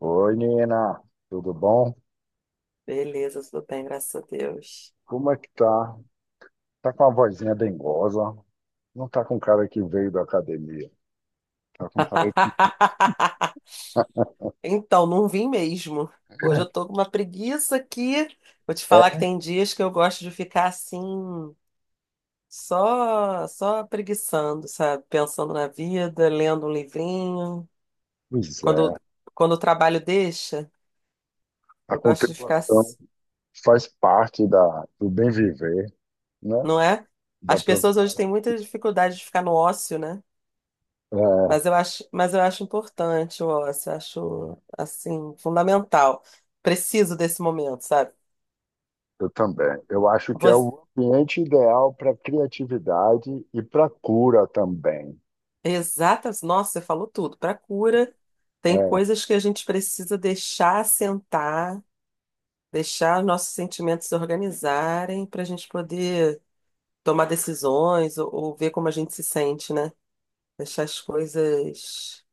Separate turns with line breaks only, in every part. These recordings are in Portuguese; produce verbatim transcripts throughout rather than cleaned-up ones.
Oi, Nina, tudo bom?
Beleza, tudo bem, graças a Deus.
Como é que tá? Tá com uma vozinha dengosa? Não tá com cara que veio da academia. Tá com cara que...
Então, não vim mesmo. Hoje eu tô com uma preguiça aqui. Vou te falar que
É,
tem dias que eu gosto de ficar assim, só só preguiçando, sabe? Pensando na vida, lendo um livrinho.
pois é.
Quando, quando o trabalho deixa,
A
eu gosto de ficar,
contemplação
s-
faz parte da, do bem viver, né?
não é?
Da
As pessoas hoje
aproveitar. a-
têm muita dificuldade de ficar no ócio, né? Mas
É,
eu acho, mas eu acho importante o eu acho, assim, fundamental. Preciso desse momento, sabe?
eu também. Eu acho que é
Você,
o ambiente ideal para criatividade e para cura também.
exatas, nossa, você falou tudo. Para cura, tem
É,
coisas que a gente precisa deixar assentar, deixar os nossos sentimentos se organizarem para a gente poder tomar decisões ou, ou ver como a gente se sente, né? Deixar as coisas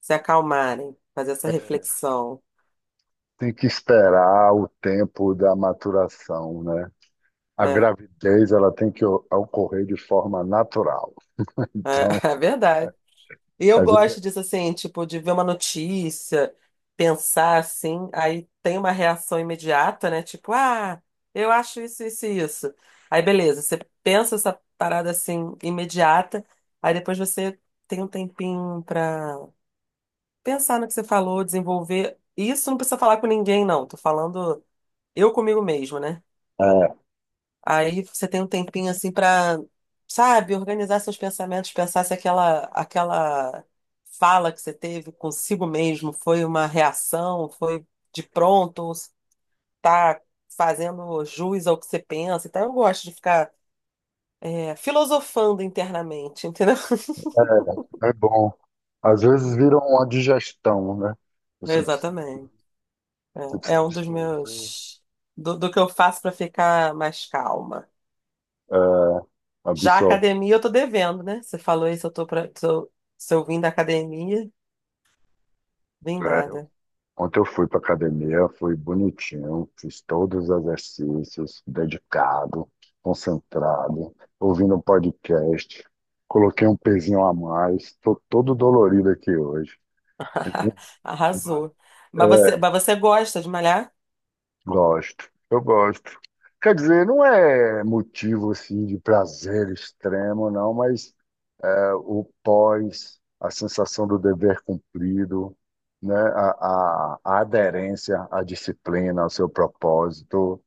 se acalmarem, fazer essa
é,
reflexão.
tem que esperar o tempo da maturação, né? A
É,
gravidez ela tem que o- ocorrer de forma natural.
é,
Então,
é verdade. E eu
às vezes
gosto disso assim, tipo, de ver uma notícia, pensar assim, aí tem uma reação imediata, né? Tipo, ah, eu acho isso, isso e isso. Aí beleza, você pensa essa parada assim, imediata, aí depois você tem um tempinho pra pensar no que você falou, desenvolver. Isso não precisa falar com ninguém, não. Tô falando eu comigo mesmo, né?
é,
Aí você tem um tempinho assim pra, sabe, organizar seus pensamentos, pensar se aquela aquela fala que você teve consigo mesmo foi uma reação, foi de pronto, ou se tá fazendo jus ao que você pensa. Então eu gosto de ficar é, filosofando internamente, entendeu?
é bom. Às vezes vira uma digestão, né? Você precisa,
Exatamente.
você
É,
precisa
é um dos
absorver,
meus do, do que eu faço pra ficar mais calma.
é,
Já a
absorver.
academia eu tô devendo, né? Você falou isso, eu tô pra, tô- se eu vim da academia, vim
É, eu-
nada.
Ontem eu fui para academia, fui bonitinho, fiz todos os exercícios, dedicado, concentrado, ouvindo um podcast, coloquei um pezinho a mais, estou todo dolorido aqui hoje. Então,
Arrasou. Mas você, mas você gosta de malhar?
gosto, eu gosto. Quer dizer, não é motivo assim de prazer extremo, não, mas é, o pós, a sensação do dever cumprido, né, a, a, a aderência à disciplina, ao seu propósito,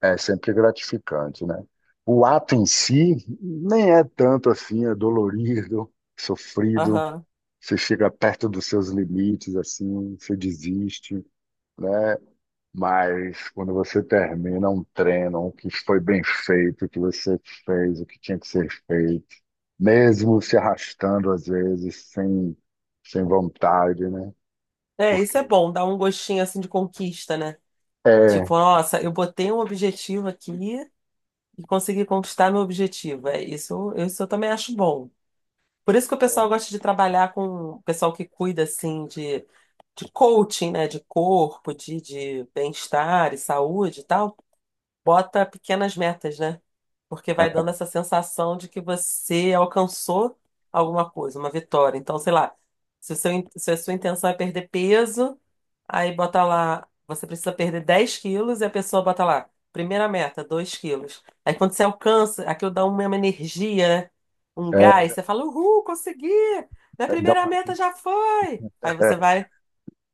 é sempre gratificante, né? O ato em si nem é tanto assim, é dolorido, sofrido,
Aham.
você chega perto dos seus limites, assim, você desiste, né? Mas quando você termina um treino, o que foi bem feito, o que você fez o que tinha que ser feito, mesmo se arrastando às vezes, sem, sem vontade, né?
É,
Porque
isso é bom, dá um gostinho assim de conquista, né?
é,
Tipo, nossa, eu botei um objetivo aqui e consegui conquistar meu objetivo. É, isso, isso eu também acho bom. Por isso que o pessoal
é,
gosta de trabalhar com o pessoal que cuida assim de, de coaching, né? De corpo, de, de bem-estar e saúde e tal. Bota pequenas metas, né? Porque vai dando essa sensação de que você alcançou alguma coisa, uma vitória. Então, sei lá, se o seu, in- se a sua intenção é perder peso, aí bota lá, você precisa perder dez quilos e a pessoa bota lá, primeira meta, dois quilos. Aí quando você alcança, aquilo dá uma uma energia, né? Um gás,
é,
você fala, uhul, consegui! Minha
é, dá
primeira
uma,
meta já foi! Aí
é,
você vai,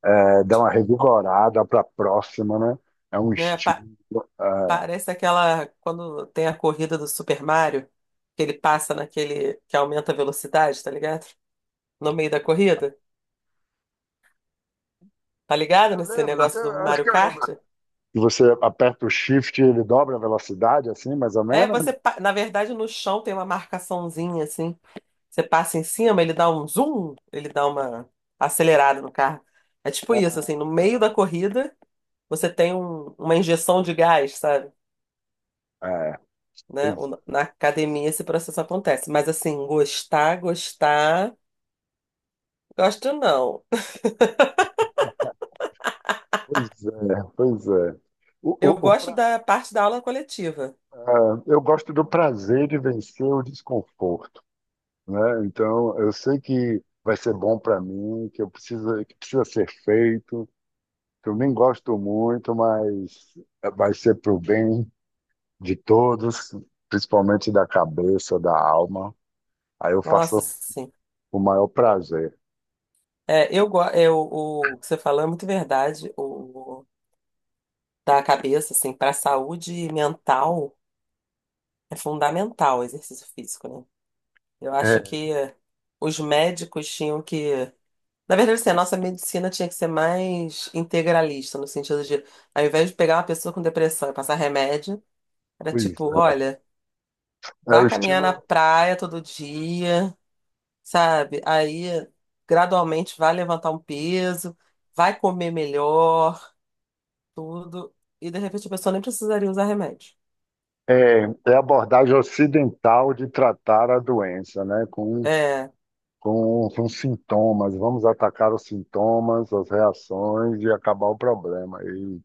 é, dá uma revigorada para a próxima, né? É um
né?
estímulo. É.
Parece aquela, quando tem a corrida do Super Mario, que ele passa naquele que aumenta a velocidade, tá ligado? No meio da corrida. Tá ligado
Eu
nesse
lembro, até,
negócio do
acho
Mario
que eu lembro.
Kart?
E você aperta o shift e ele dobra a velocidade, assim, mais ou
É,
menos?
você, pa- na verdade, no chão tem uma marcaçãozinha assim. Você passa em cima, ele dá um zoom, ele dá uma acelerada no carro. É tipo
É,
isso, assim, no meio da
tá.
corrida, você tem um- uma injeção de gás, sabe?
É,
Né?
pois
O- Na academia esse processo acontece. Mas assim, gostar, gostar, gosto não.
Pois é, pois é. O,
Eu
o, o
gosto
pra-
da parte da aula coletiva.
ah, eu gosto do prazer de vencer o desconforto, né? Então, eu sei que vai ser bom para mim, que eu preciso, que precisa ser feito, que eu nem gosto muito, mas vai ser para o bem de todos, principalmente da cabeça, da alma. Aí eu faço
Nossa, sim.
com o maior prazer.
É, eu, go- é, o, o que você falou é muito verdade. O da cabeça, assim, para a saúde mental é fundamental o exercício físico, né? Eu
É,
acho que os médicos tinham que. Na verdade, assim, a nossa medicina tinha que ser mais integralista, no sentido de, ao invés de pegar uma pessoa com depressão e passar remédio, era
pois
tipo,
é.
olha,
É
vá
o
caminhar
estilo,
na praia todo dia. Sabe? Aí gradualmente vai levantar um peso, vai comer melhor, tudo, e de repente a pessoa nem precisaria usar remédio.
é, é a abordagem ocidental de tratar a doença, né? Com
É,
com, com sintomas. Vamos atacar os sintomas, as reações e acabar o problema. E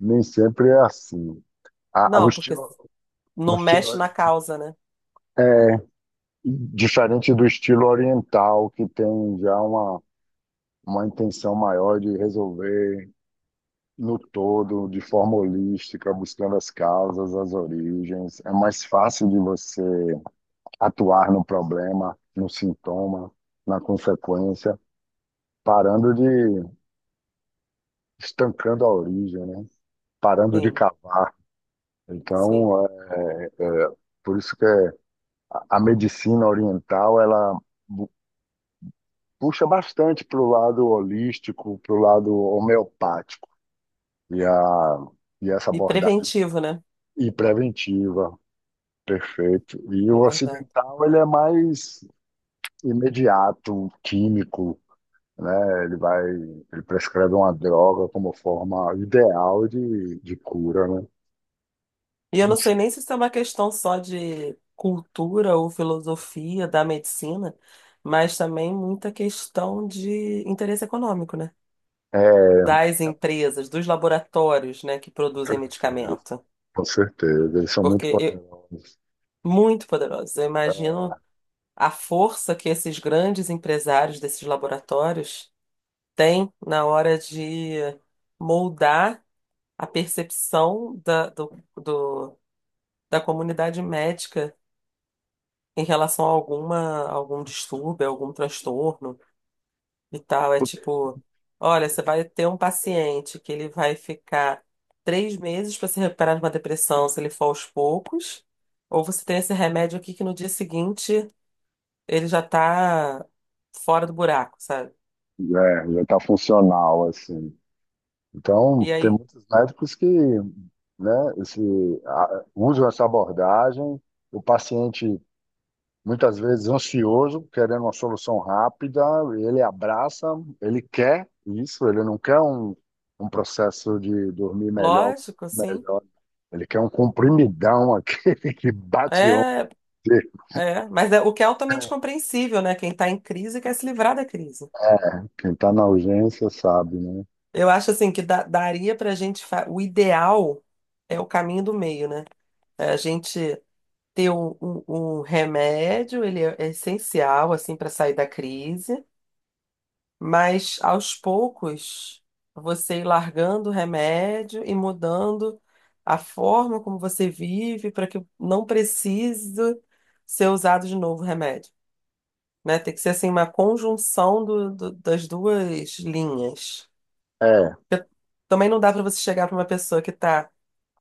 nem sempre é assim. A, a- o
não, porque
estilo, o
não
estilo,
mexe na causa, né?
diferente do estilo oriental, que tem já uma, uma intenção maior de resolver no todo, de forma holística, buscando as causas, as origens. É mais fácil de você atuar no problema, no sintoma, na consequência, parando de estancando a origem, né? Parando de
Sim,
cavar.
sim.
Então, é, é, por isso que é- a medicina oriental, ela bu- puxa bastante para o lado holístico, para o lado homeopático. E, a, e essa
E
abordagem
preventivo, né?
e preventiva, perfeito. E o
É verdade.
ocidental, ele é mais imediato, químico, né? Ele vai, ele prescreve uma droga como forma ideal de, de cura, né?
E eu
Não
não sei
sei.
nem se isso é uma questão só de cultura ou filosofia da medicina, mas também muita questão de interesse econômico, né?
É,
Das
com
empresas, dos laboratórios, né, que produzem
certeza.
medicamento.
Com certeza, eles são muito
Porque eu,
poderosos.
muito poderosos. Eu
É,
imagino a força que esses grandes empresários desses laboratórios têm na hora de moldar a percepção da, do, do- da comunidade médica em relação a alguma, algum distúrbio, algum transtorno e tal. É
putz,
tipo, olha, você vai ter um paciente que ele vai ficar três meses para se recuperar de uma depressão se ele for aos poucos. Ou você tem esse remédio aqui que no dia seguinte ele já tá fora do buraco, sabe?
é, já está funcional, assim. Então,
E
tem
aí,
muitos médicos que, né, esse, a- usam essa abordagem. O paciente, muitas vezes, ansioso, querendo uma solução rápida, ele abraça, ele quer isso, ele não quer um, um processo de dormir melhor,
lógico, sim.
melhor. Ele quer um comprimidão, aquele que bate onde.
É, é, mas é, o que é altamente compreensível, né? Quem tá em crise quer se livrar da crise.
É, quem está na urgência sabe, né?
Eu acho assim que da- daria pra gente, fa- o ideal é o caminho do meio, né? É a gente ter um, um- um remédio, ele é essencial assim para sair da crise, mas aos poucos, você ir largando o remédio e mudando a forma como você vive para que não precise ser usado de novo o remédio, né? Tem que ser assim uma conjunção do- do- das duas linhas.
É,
Porque também não dá para você chegar para uma pessoa que tá,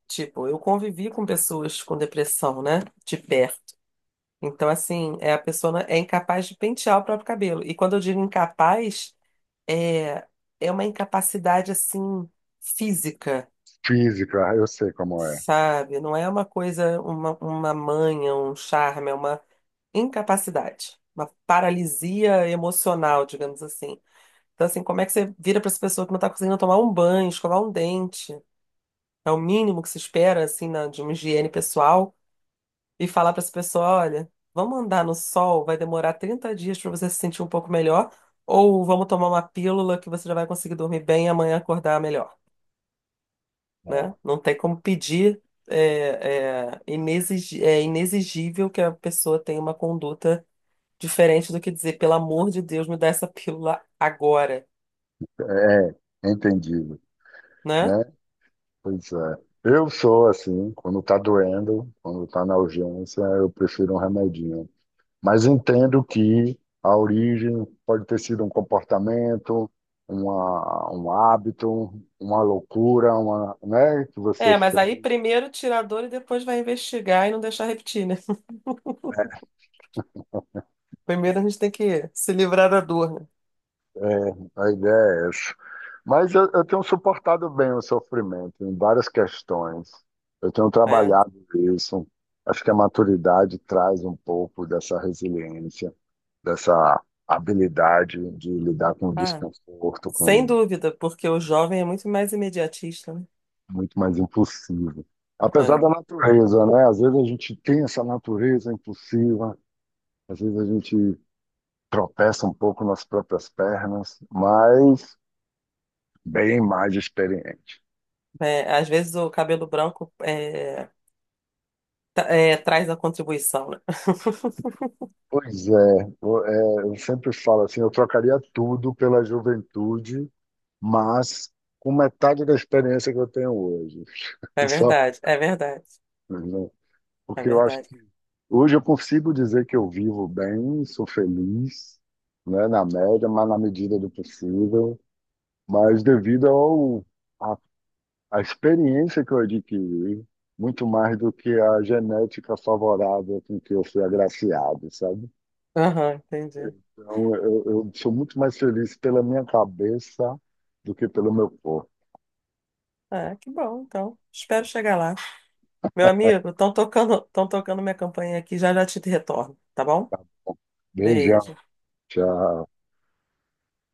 tipo, eu convivi com pessoas com depressão, né? De perto. Então, assim, é, a pessoa é incapaz de pentear o próprio cabelo. E quando eu digo incapaz é, é uma incapacidade assim física,
física, eu sei como é.
sabe? Não é uma coisa, uma, uma manha, um charme, é uma incapacidade, uma paralisia emocional, digamos assim. Então, assim, como é que você vira para essa pessoa que não está conseguindo tomar um banho, escovar um dente? É o mínimo que se espera, assim, na- de uma higiene pessoal, e falar para essa pessoa: olha, vamos andar no sol, vai demorar trinta dias para você se sentir um pouco melhor, ou vamos tomar uma pílula que você já vai conseguir dormir bem e amanhã acordar melhor. Né?
É.
Não tem como pedir, é, é, inexig- é inexigível que a pessoa tenha uma conduta diferente do que dizer, pelo amor de Deus, me dá essa pílula agora,
É, é entendido,
né?
né? Pois é. Eu sou assim, quando tá doendo, quando tá na urgência, eu prefiro um remedinho. Mas entendo que a origem pode ter sido um comportamento, uma, um hábito, uma loucura, uma, né, que você
É, mas aí
fez.
primeiro tira a dor e depois vai investigar e não deixar repetir, né? Primeiro a gente tem que se livrar da dor, né?
É, a ideia é essa. Mas eu, eu tenho suportado bem o sofrimento em várias questões. Eu tenho
É.
trabalhado isso. Acho que a maturidade traz um pouco dessa resiliência, dessa habilidade de lidar com o
Ah,
desconforto,
sem
com
dúvida, porque o jovem é muito mais imediatista, né?
muito mais impossível. Apesar da
É.
natureza, né? Às vezes a gente tem essa natureza impossível, às vezes a gente tropeça um pouco nas próprias pernas, mas bem mais experiente.
É, às vezes o cabelo branco é, tra- é, traz a contribuição, né?
Pois é, eu, é, eu sempre falo assim, eu trocaria tudo pela juventude, mas com metade da experiência que eu tenho hoje.
É
Só,
verdade, é verdade.
né?
É
Porque eu acho
verdade.
que hoje eu consigo dizer que eu vivo bem, sou feliz, né, na média, mas na medida do possível, mas devido ao, a, a experiência que eu adquiri, muito mais do que a genética favorável com que eu fui agraciado, sabe?
Aham, entendi.
Então, eu, eu sou muito mais feliz pela minha cabeça do que pelo meu corpo.
Ah, que bom, então. Espero chegar lá. Meu amigo, estão tocando, estão tocando minha campainha aqui, já já te retorno, tá bom? Beijo.
Beijão. Tchau.